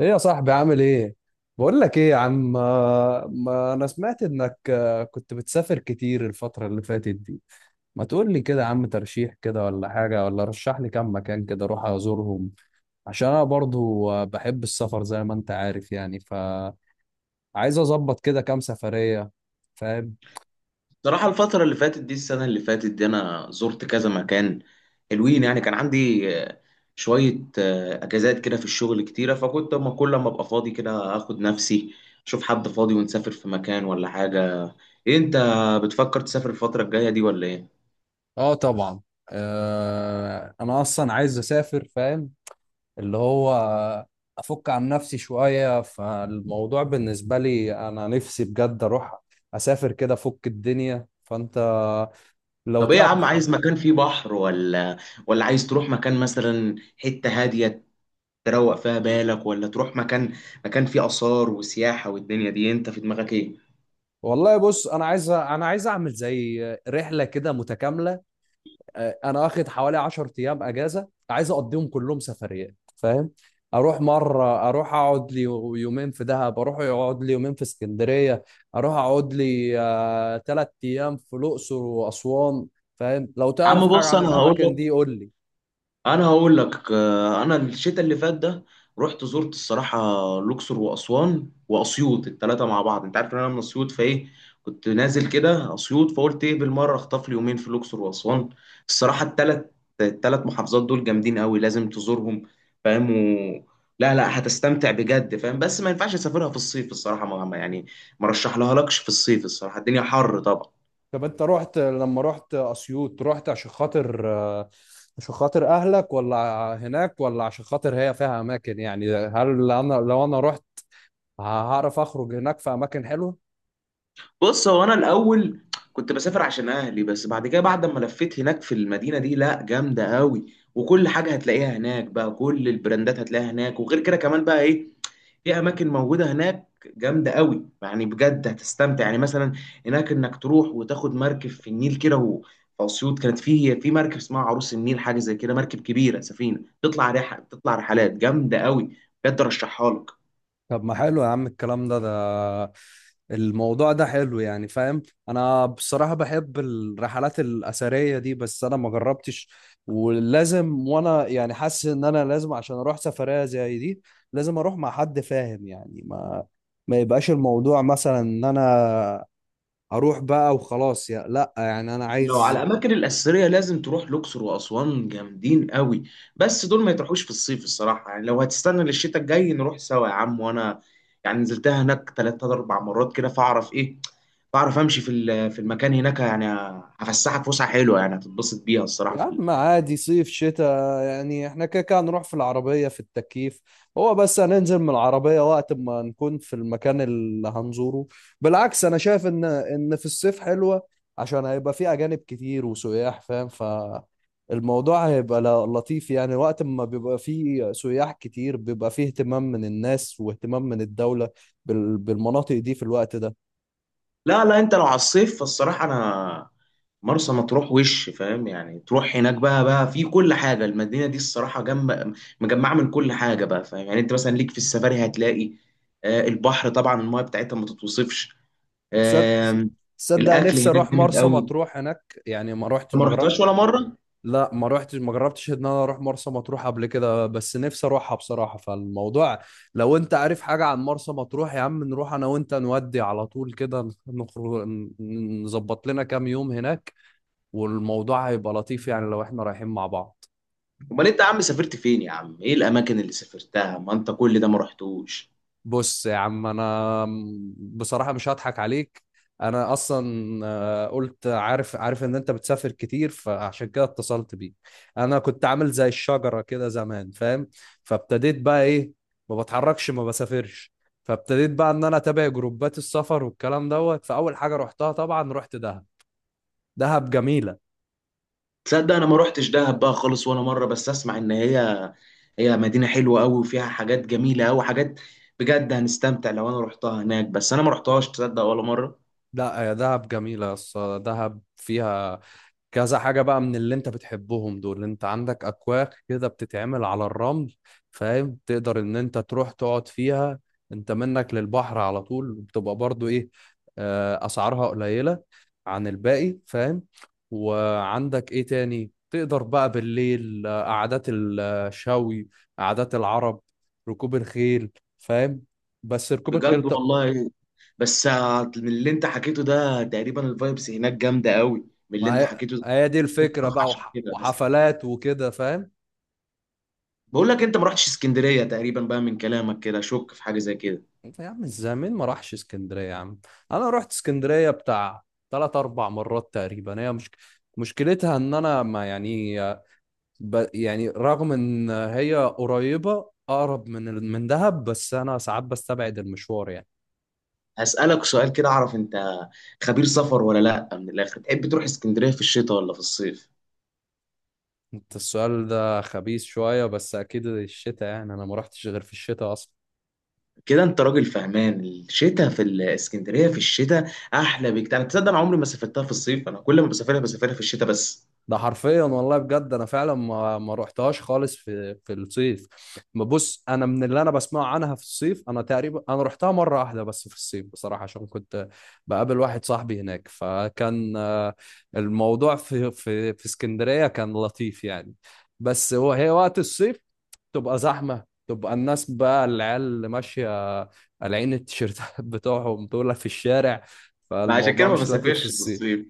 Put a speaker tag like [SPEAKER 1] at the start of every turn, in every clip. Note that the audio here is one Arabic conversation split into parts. [SPEAKER 1] ايه يا صاحبي عامل ايه؟ بقول لك ايه يا عم ما انا سمعت انك كنت بتسافر كتير الفترة اللي فاتت دي. ما تقول لي كده يا عم ترشيح كده ولا حاجة، ولا رشح لي كام مكان كده اروح ازورهم؟ عشان انا برضو بحب السفر زي ما انت عارف يعني، فعايز اظبط كده كام سفرية، فاهم؟
[SPEAKER 2] صراحة، الفترة اللي فاتت دي، السنة اللي فاتت دي أنا زرت كذا مكان حلوين. يعني كان عندي شوية أجازات كده في الشغل كتيرة، فكنت أما كل ما أبقى فاضي كده آخد نفسي، أشوف حد فاضي ونسافر في مكان ولا حاجة. إيه، أنت بتفكر تسافر الفترة الجاية دي ولا إيه؟
[SPEAKER 1] اه طبعا. انا اصلا عايز اسافر فاهم، اللي هو افك عن نفسي شوية، فالموضوع بالنسبة لي انا نفسي بجد اروح اسافر كده افك الدنيا، فانت لو
[SPEAKER 2] طب إيه يا عم،
[SPEAKER 1] تعرف.
[SPEAKER 2] عايز مكان فيه بحر، ولا عايز تروح مكان مثلا حتة هادية تروق فيها بالك، ولا تروح مكان فيه آثار وسياحة والدنيا دي، أنت في دماغك إيه؟
[SPEAKER 1] والله بص انا عايز اعمل زي رحلة كده متكاملة. انا واخد حوالي 10 ايام اجازه، عايز اقضيهم كلهم سفريات فاهم. اروح مره، اروح اقعد لي يومين في دهب، اروح اقعد لي يومين في اسكندريه، اروح اقعد لي تلات ايام في الاقصر واسوان. فاهم؟ لو
[SPEAKER 2] يا
[SPEAKER 1] تعرف
[SPEAKER 2] عم
[SPEAKER 1] حاجه
[SPEAKER 2] بص،
[SPEAKER 1] عن
[SPEAKER 2] أنا هقول
[SPEAKER 1] الاماكن
[SPEAKER 2] لك،
[SPEAKER 1] دي قول لي.
[SPEAKER 2] انا هقول لك آه، انا الشتاء اللي فات ده رحت زرت الصراحه الاقصر واسوان واسيوط الثلاثه مع بعض. انت عارف ان انا من اسيوط، فايه كنت نازل كده اسيوط، فقلت ايه، بالمره اخطف لي يومين في الاقصر واسوان. الصراحه الثلاث محافظات دول جامدين قوي، لازم تزورهم، فاهم. لا لا، هتستمتع بجد، فاهم، بس ما ينفعش اسافرها في الصيف الصراحه، يعني ما رشح لها لكش في الصيف الصراحه، الدنيا حر طبعا.
[SPEAKER 1] طب انت رحت لما رحت اسيوط، رحت عشان خاطر اهلك ولا هناك، ولا عشان خاطر هي فيها اماكن؟ يعني هل انا لو انا رحت هعرف اخرج، هناك في اماكن حلوه؟
[SPEAKER 2] بص، هو انا الاول كنت بسافر عشان اهلي، بس بعد كده، بعد ما لفيت هناك في المدينه دي، لا جامده قوي، وكل حاجه هتلاقيها هناك، بقى كل البراندات هتلاقيها هناك، وغير كده كمان بقى ايه، في اماكن موجوده هناك جامده قوي يعني، بجد هتستمتع. يعني مثلا هناك انك تروح وتاخد مركب في النيل كده في اسيوط كانت في مركب اسمها عروس النيل، حاجه زي كده، مركب كبيره، سفينه تطلع رحله، تطلع رحلات جامده قوي، بجد ارشحها لك.
[SPEAKER 1] طب ما حلو يا عم الكلام ده الموضوع ده حلو يعني فاهم. انا بصراحة بحب الرحلات الأثرية دي بس انا ما جربتش، ولازم، وانا يعني حاسس ان انا لازم عشان اروح سفرية زي دي لازم اروح مع حد فاهم، يعني ما يبقاش الموضوع مثلا ان انا اروح بقى وخلاص يا لا، يعني انا
[SPEAKER 2] لو على
[SPEAKER 1] عايز.
[SPEAKER 2] الاماكن الاثريه لازم تروح الاقصر واسوان، جامدين قوي، بس دول ما يتروحوش في الصيف الصراحه، يعني لو هتستنى للشتاء الجاي نروح سوا يا عم، وانا يعني نزلتها هناك ثلاث اربع مرات كده، فاعرف ايه، بعرف امشي في المكان هناك، يعني هفسحك فسحه حلوه، يعني هتتبسط بيها الصراحه.
[SPEAKER 1] يا
[SPEAKER 2] في
[SPEAKER 1] عم عادي صيف شتاء يعني احنا كده كده نروح في العربية في التكييف، هو بس هننزل من العربية وقت ما نكون في المكان اللي هنزوره. بالعكس انا شايف ان في الصيف حلوة، عشان هيبقى في اجانب كتير وسياح فاهم، فالموضوع هيبقى لطيف يعني، وقت ما بيبقى فيه سياح كتير بيبقى فيه اهتمام من الناس واهتمام من الدولة بالمناطق دي في الوقت ده.
[SPEAKER 2] لا لا، انت لو على الصيف فالصراحه انا مرسى مطروح، وش فاهم، يعني تروح هناك بقى في كل حاجه، المدينه دي الصراحه جنب مجمعه من كل حاجه، بقى فاهم، يعني انت مثلا ليك في السفاري هتلاقي البحر، طبعا المايه بتاعتها ما تتوصفش
[SPEAKER 1] صد-
[SPEAKER 2] آم،
[SPEAKER 1] صدق
[SPEAKER 2] الاكل
[SPEAKER 1] نفسي
[SPEAKER 2] هناك
[SPEAKER 1] اروح
[SPEAKER 2] جامد
[SPEAKER 1] مرسى
[SPEAKER 2] قوي، انت
[SPEAKER 1] مطروح، هناك يعني ما رحت
[SPEAKER 2] ما
[SPEAKER 1] ما جربت،
[SPEAKER 2] رحتهاش ولا مره؟
[SPEAKER 1] لا ما روحتش ما جربتش ان انا اروح مرسى مطروح قبل كده، بس نفسي اروحها بصراحة. فالموضوع لو انت عارف حاجة عن مرسى مطروح يا عم نروح انا وانت، نودي على طول كده نخرج نظبط لنا كام يوم هناك، والموضوع هيبقى لطيف يعني لو احنا رايحين مع بعض.
[SPEAKER 2] امال انت يا عم سافرت فين يا عم، ايه الاماكن اللي سافرتها؟ ما انت كل ده ما رحتوش.
[SPEAKER 1] بص يا عم انا بصراحه مش هضحك عليك، انا اصلا قلت عارف ان انت بتسافر كتير فعشان كده اتصلت بيك. انا كنت عامل زي الشجره كده زمان فاهم، فابتديت بقى ايه، ما بتحركش ما بسافرش، فابتديت بقى ان انا اتابع جروبات السفر والكلام دوت. فاول حاجه رحتها طبعا رحت دهب، دهب جميله.
[SPEAKER 2] تصدق، انا ما روحتش دهب بقى خالص ولا مره، بس اسمع ان هي مدينه حلوه قوي وفيها حاجات جميله قوي، حاجات بجد هنستمتع لو انا روحتها هناك، بس انا ما روحتهاش، تصدق، ولا مره.
[SPEAKER 1] لا يا دهب جميله يا اسطى، دهب فيها كذا حاجة بقى من اللي انت بتحبهم دول. انت عندك اكواخ كده بتتعمل على الرمل فاهم، تقدر ان انت تروح تقعد فيها، انت منك للبحر على طول، بتبقى برضو ايه، اسعارها قليلة عن الباقي فاهم. وعندك ايه تاني تقدر بقى بالليل، قعدات الشوي، قعدات العرب، ركوب الخيل فاهم. بس ركوب الخيل،
[SPEAKER 2] بجد
[SPEAKER 1] طب
[SPEAKER 2] والله، بس من اللي انت حكيته ده تقريبا الفايبس هناك جامده قوي، من اللي
[SPEAKER 1] ما
[SPEAKER 2] انت
[SPEAKER 1] هي
[SPEAKER 2] حكيته ده.
[SPEAKER 1] هي دي
[SPEAKER 2] نفسي
[SPEAKER 1] الفكرة
[SPEAKER 2] أروح
[SPEAKER 1] بقى،
[SPEAKER 2] عشان
[SPEAKER 1] وح-
[SPEAKER 2] كده. بس
[SPEAKER 1] وحفلات وكده فاهم.
[SPEAKER 2] بقول لك، انت ما رحتش اسكندريه تقريبا بقى من كلامك كده، اشك في حاجه زي كده.
[SPEAKER 1] طيب يا عم ازاي، مين ما راحش اسكندريه يا عم؟ انا رحت اسكندريه بتاع ثلاث اربع مرات تقريبا، هي مش مشكلتها ان انا ما يعني يعني رغم ان هي قريبه اقرب من من دهب، بس انا ساعات بستبعد المشوار يعني.
[SPEAKER 2] هسالك سؤال كده اعرف، انت خبير سفر ولا لا، من الاخر تحب تروح اسكندريه في الشتاء ولا في الصيف؟
[SPEAKER 1] انت السؤال ده خبيث شويه، بس اكيد الشتاء يعني، انا ما رحتش غير في الشتاء اصلا.
[SPEAKER 2] كده انت راجل فهمان، الشتاء في الاسكندريه، في الشتاء احلى بكتير، انا تصدق انا عمري ما سافرتها في الصيف، انا كل ما بسافرها، بسافرها في الشتاء بس.
[SPEAKER 1] ده حرفيا والله بجد، انا فعلا ما رحتهاش خالص في الصيف. بص انا من اللي انا بسمعه عنها في الصيف، انا تقريبا انا رحتها مره واحده بس في الصيف بصراحه، عشان كنت بقابل واحد صاحبي هناك، فكان الموضوع في اسكندريه كان لطيف يعني. بس هي وقت الصيف تبقى زحمه، تبقى الناس بقى العيال اللي ماشيه قالعين التيشيرتات بتوعهم دول في الشارع،
[SPEAKER 2] ما عشان كده
[SPEAKER 1] فالموضوع
[SPEAKER 2] ما
[SPEAKER 1] مش لطيف في
[SPEAKER 2] بسافرش في
[SPEAKER 1] الصيف.
[SPEAKER 2] الصيف.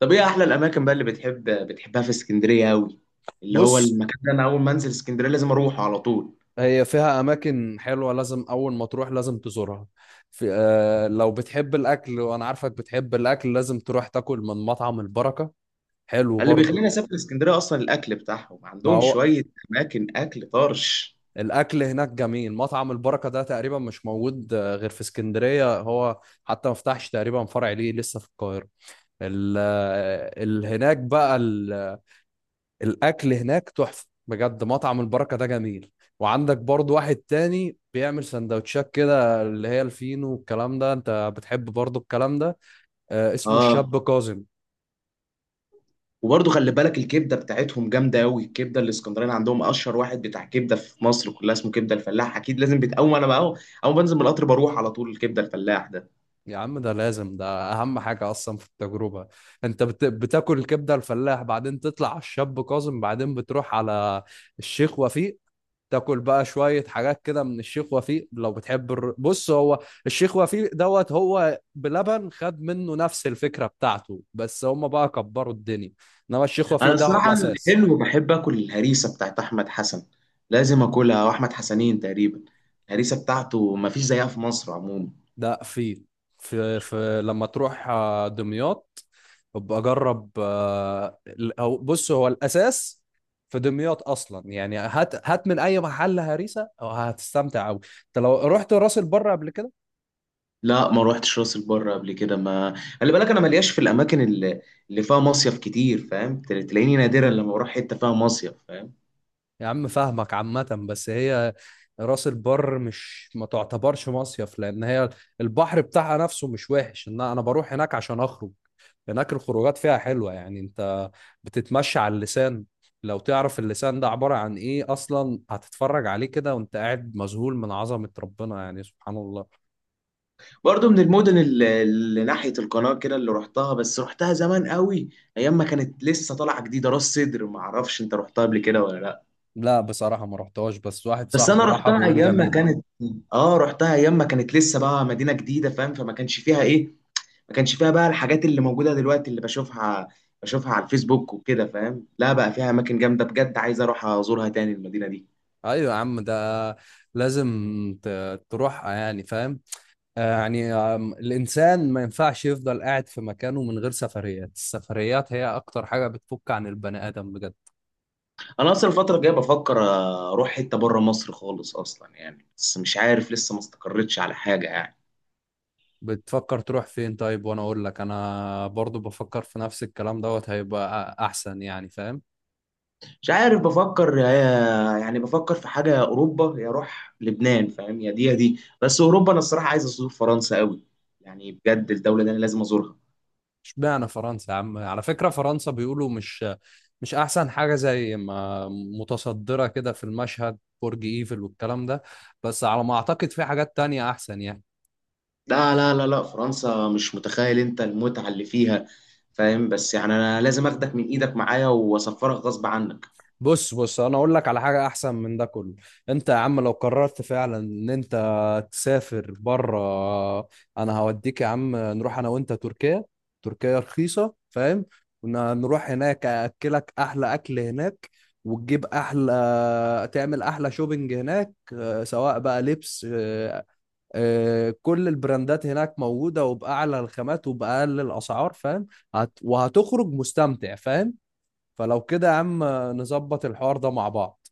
[SPEAKER 2] طب ايه احلى الاماكن بقى اللي بتحبها في اسكندريه قوي، اللي هو
[SPEAKER 1] بص
[SPEAKER 2] المكان ده انا اول ما انزل اسكندريه لازم اروحه على طول؟
[SPEAKER 1] هي فيها أماكن حلوة لازم أول ما تروح لازم تزورها. في لو بتحب الأكل وأنا عارفك بتحب الأكل، لازم تروح تاكل من مطعم البركة، حلو
[SPEAKER 2] اللي
[SPEAKER 1] برضه.
[SPEAKER 2] بيخليني اسافر اسكندريه اصلا الاكل بتاعهم،
[SPEAKER 1] ما
[SPEAKER 2] عندهم
[SPEAKER 1] هو
[SPEAKER 2] شويه اماكن اكل طرش.
[SPEAKER 1] الأكل هناك جميل، مطعم البركة ده تقريبا مش موجود غير في اسكندرية، هو حتى ما فتحش تقريبا فرع ليه لسه في القاهرة. ال آه، ال- هناك بقى ال- الاكل هناك تحفه بجد، مطعم البركه ده جميل. وعندك برضو واحد تاني بيعمل سندوتشات كده اللي هي الفينو والكلام ده، انت بتحب برضو الكلام ده، اسمه
[SPEAKER 2] اه.
[SPEAKER 1] الشاب كاظم.
[SPEAKER 2] وبرضه خلي بالك، الكبده بتاعتهم جامده قوي، الكبده الاسكندراني عندهم اشهر واحد بتاع كبده في مصر كلها، اسمه كبده الفلاح، اكيد لازم، اول ما بنزل من القطر بروح على طول الكبده الفلاح ده.
[SPEAKER 1] يا عم ده لازم، ده اهم حاجه اصلا في التجربه. انت بتاكل الكبده الفلاح، بعدين تطلع على الشاب كاظم، بعدين بتروح على الشيخ وفيق، تاكل بقى شوية حاجات كده من الشيخ وفيق لو بتحب بص هو الشيخ وفيق دوت هو بلبن خد منه نفس الفكرة بتاعته، بس هم بقى كبروا الدنيا، انما الشيخ
[SPEAKER 2] انا
[SPEAKER 1] وفيق ده هو
[SPEAKER 2] الصراحه
[SPEAKER 1] الاساس.
[SPEAKER 2] الحلو بحب اكل الهريسه بتاعت احمد حسن، لازم اكلها، واحمد حسنين تقريبا، الهريسه بتاعته ما فيش زيها في مصر عموما.
[SPEAKER 1] ده فيل، في لما تروح دمياط، ابقى جرب أو بص هو الاساس في دمياط اصلا يعني، هات هات من اي محل هريسه هتستمتع قوي. انت لو رحت راس البر قبل كده؟
[SPEAKER 2] لا ما روحتش راس البر قبل كده، ما خلي بالك، انا ملياش في الاماكن اللي فيها مصيف كتير، فاهم، تلاقيني نادرا لما بروح حته فيها مصيف.
[SPEAKER 1] يا عم فاهمك عامة، بس هي راس البر مش، ما تعتبرش مصيف لأن هي البحر بتاعها نفسه مش وحش، إن أنا بروح هناك عشان أخرج. هناك الخروجات فيها حلوة يعني، أنت بتتمشى على اللسان. لو تعرف اللسان ده عبارة عن إيه أصلا، هتتفرج عليه كده وأنت قاعد مذهول من عظمة ربنا يعني، سبحان الله.
[SPEAKER 2] برضو من المدن اللي ناحية القناة كده اللي رحتها، بس رحتها زمان قوي، أيام ما كانت لسه طالعة جديدة، راس سدر، ما أعرفش أنت رحتها قبل كده ولا لأ؟
[SPEAKER 1] لا بصراحة ما رحتهاش، بس واحد
[SPEAKER 2] بس
[SPEAKER 1] صاحبي
[SPEAKER 2] أنا
[SPEAKER 1] راحها بيقول جميلة.
[SPEAKER 2] رحتها أيام ما كانت لسه بقى مدينة جديدة، فاهم، فما كانش فيها إيه، ما كانش فيها بقى الحاجات اللي موجودة دلوقتي اللي بشوفها على الفيسبوك وكده، فاهم. لا، بقى فيها أماكن جامدة بجد، عايز أروح أزورها تاني المدينة دي.
[SPEAKER 1] أيوة يا عم، ده لازم تروحها يعني فاهم. يعني الإنسان ما ينفعش يفضل قاعد في مكانه من غير سفريات، السفريات هي أكتر حاجة بتفك عن البني آدم بجد.
[SPEAKER 2] أنا أصلا الفترة الجاية بفكر أروح حتة بره مصر خالص أصلا يعني، بس مش عارف لسه ما استقرتش على حاجة يعني.
[SPEAKER 1] بتفكر تروح فين طيب؟ وأنا أقول لك أنا برضو بفكر في نفس الكلام دوت، هيبقى أحسن يعني فاهم.
[SPEAKER 2] مش عارف، بفكر يعني بفكر في حاجة، يا أوروبا يا أروح لبنان، فاهم، يا دي يا دي، بس أوروبا أنا الصراحة عايز أزور فرنسا قوي، يعني بجد الدولة دي أنا لازم أزورها.
[SPEAKER 1] اشمعنى فرنسا يا عم؟ على فكرة فرنسا بيقولوا مش أحسن حاجة زي ما متصدرة كده في المشهد، برج إيفل والكلام ده، بس على ما أعتقد في حاجات تانية أحسن يعني.
[SPEAKER 2] لا لا لا لا، فرنسا مش متخيل أنت المتعة اللي فيها، فاهم، بس يعني أنا لازم أخدك من إيدك معايا وأسفرك غصب عنك.
[SPEAKER 1] بص انا اقول لك على حاجه احسن من ده كله. انت يا عم لو قررت فعلا ان انت تسافر بره، انا هوديك يا عم، نروح انا وانت تركيا، تركيا رخيصه فاهم، ونروح هناك اكلك احلى اكل هناك، وتجيب احلى تعمل احلى شوبينج هناك، سواء بقى لبس، كل البراندات هناك موجوده وباعلى الخامات وباقل الاسعار فاهم، وهتخرج مستمتع فاهم. فلو كده يا عم نظبط الحوار ده مع بعض.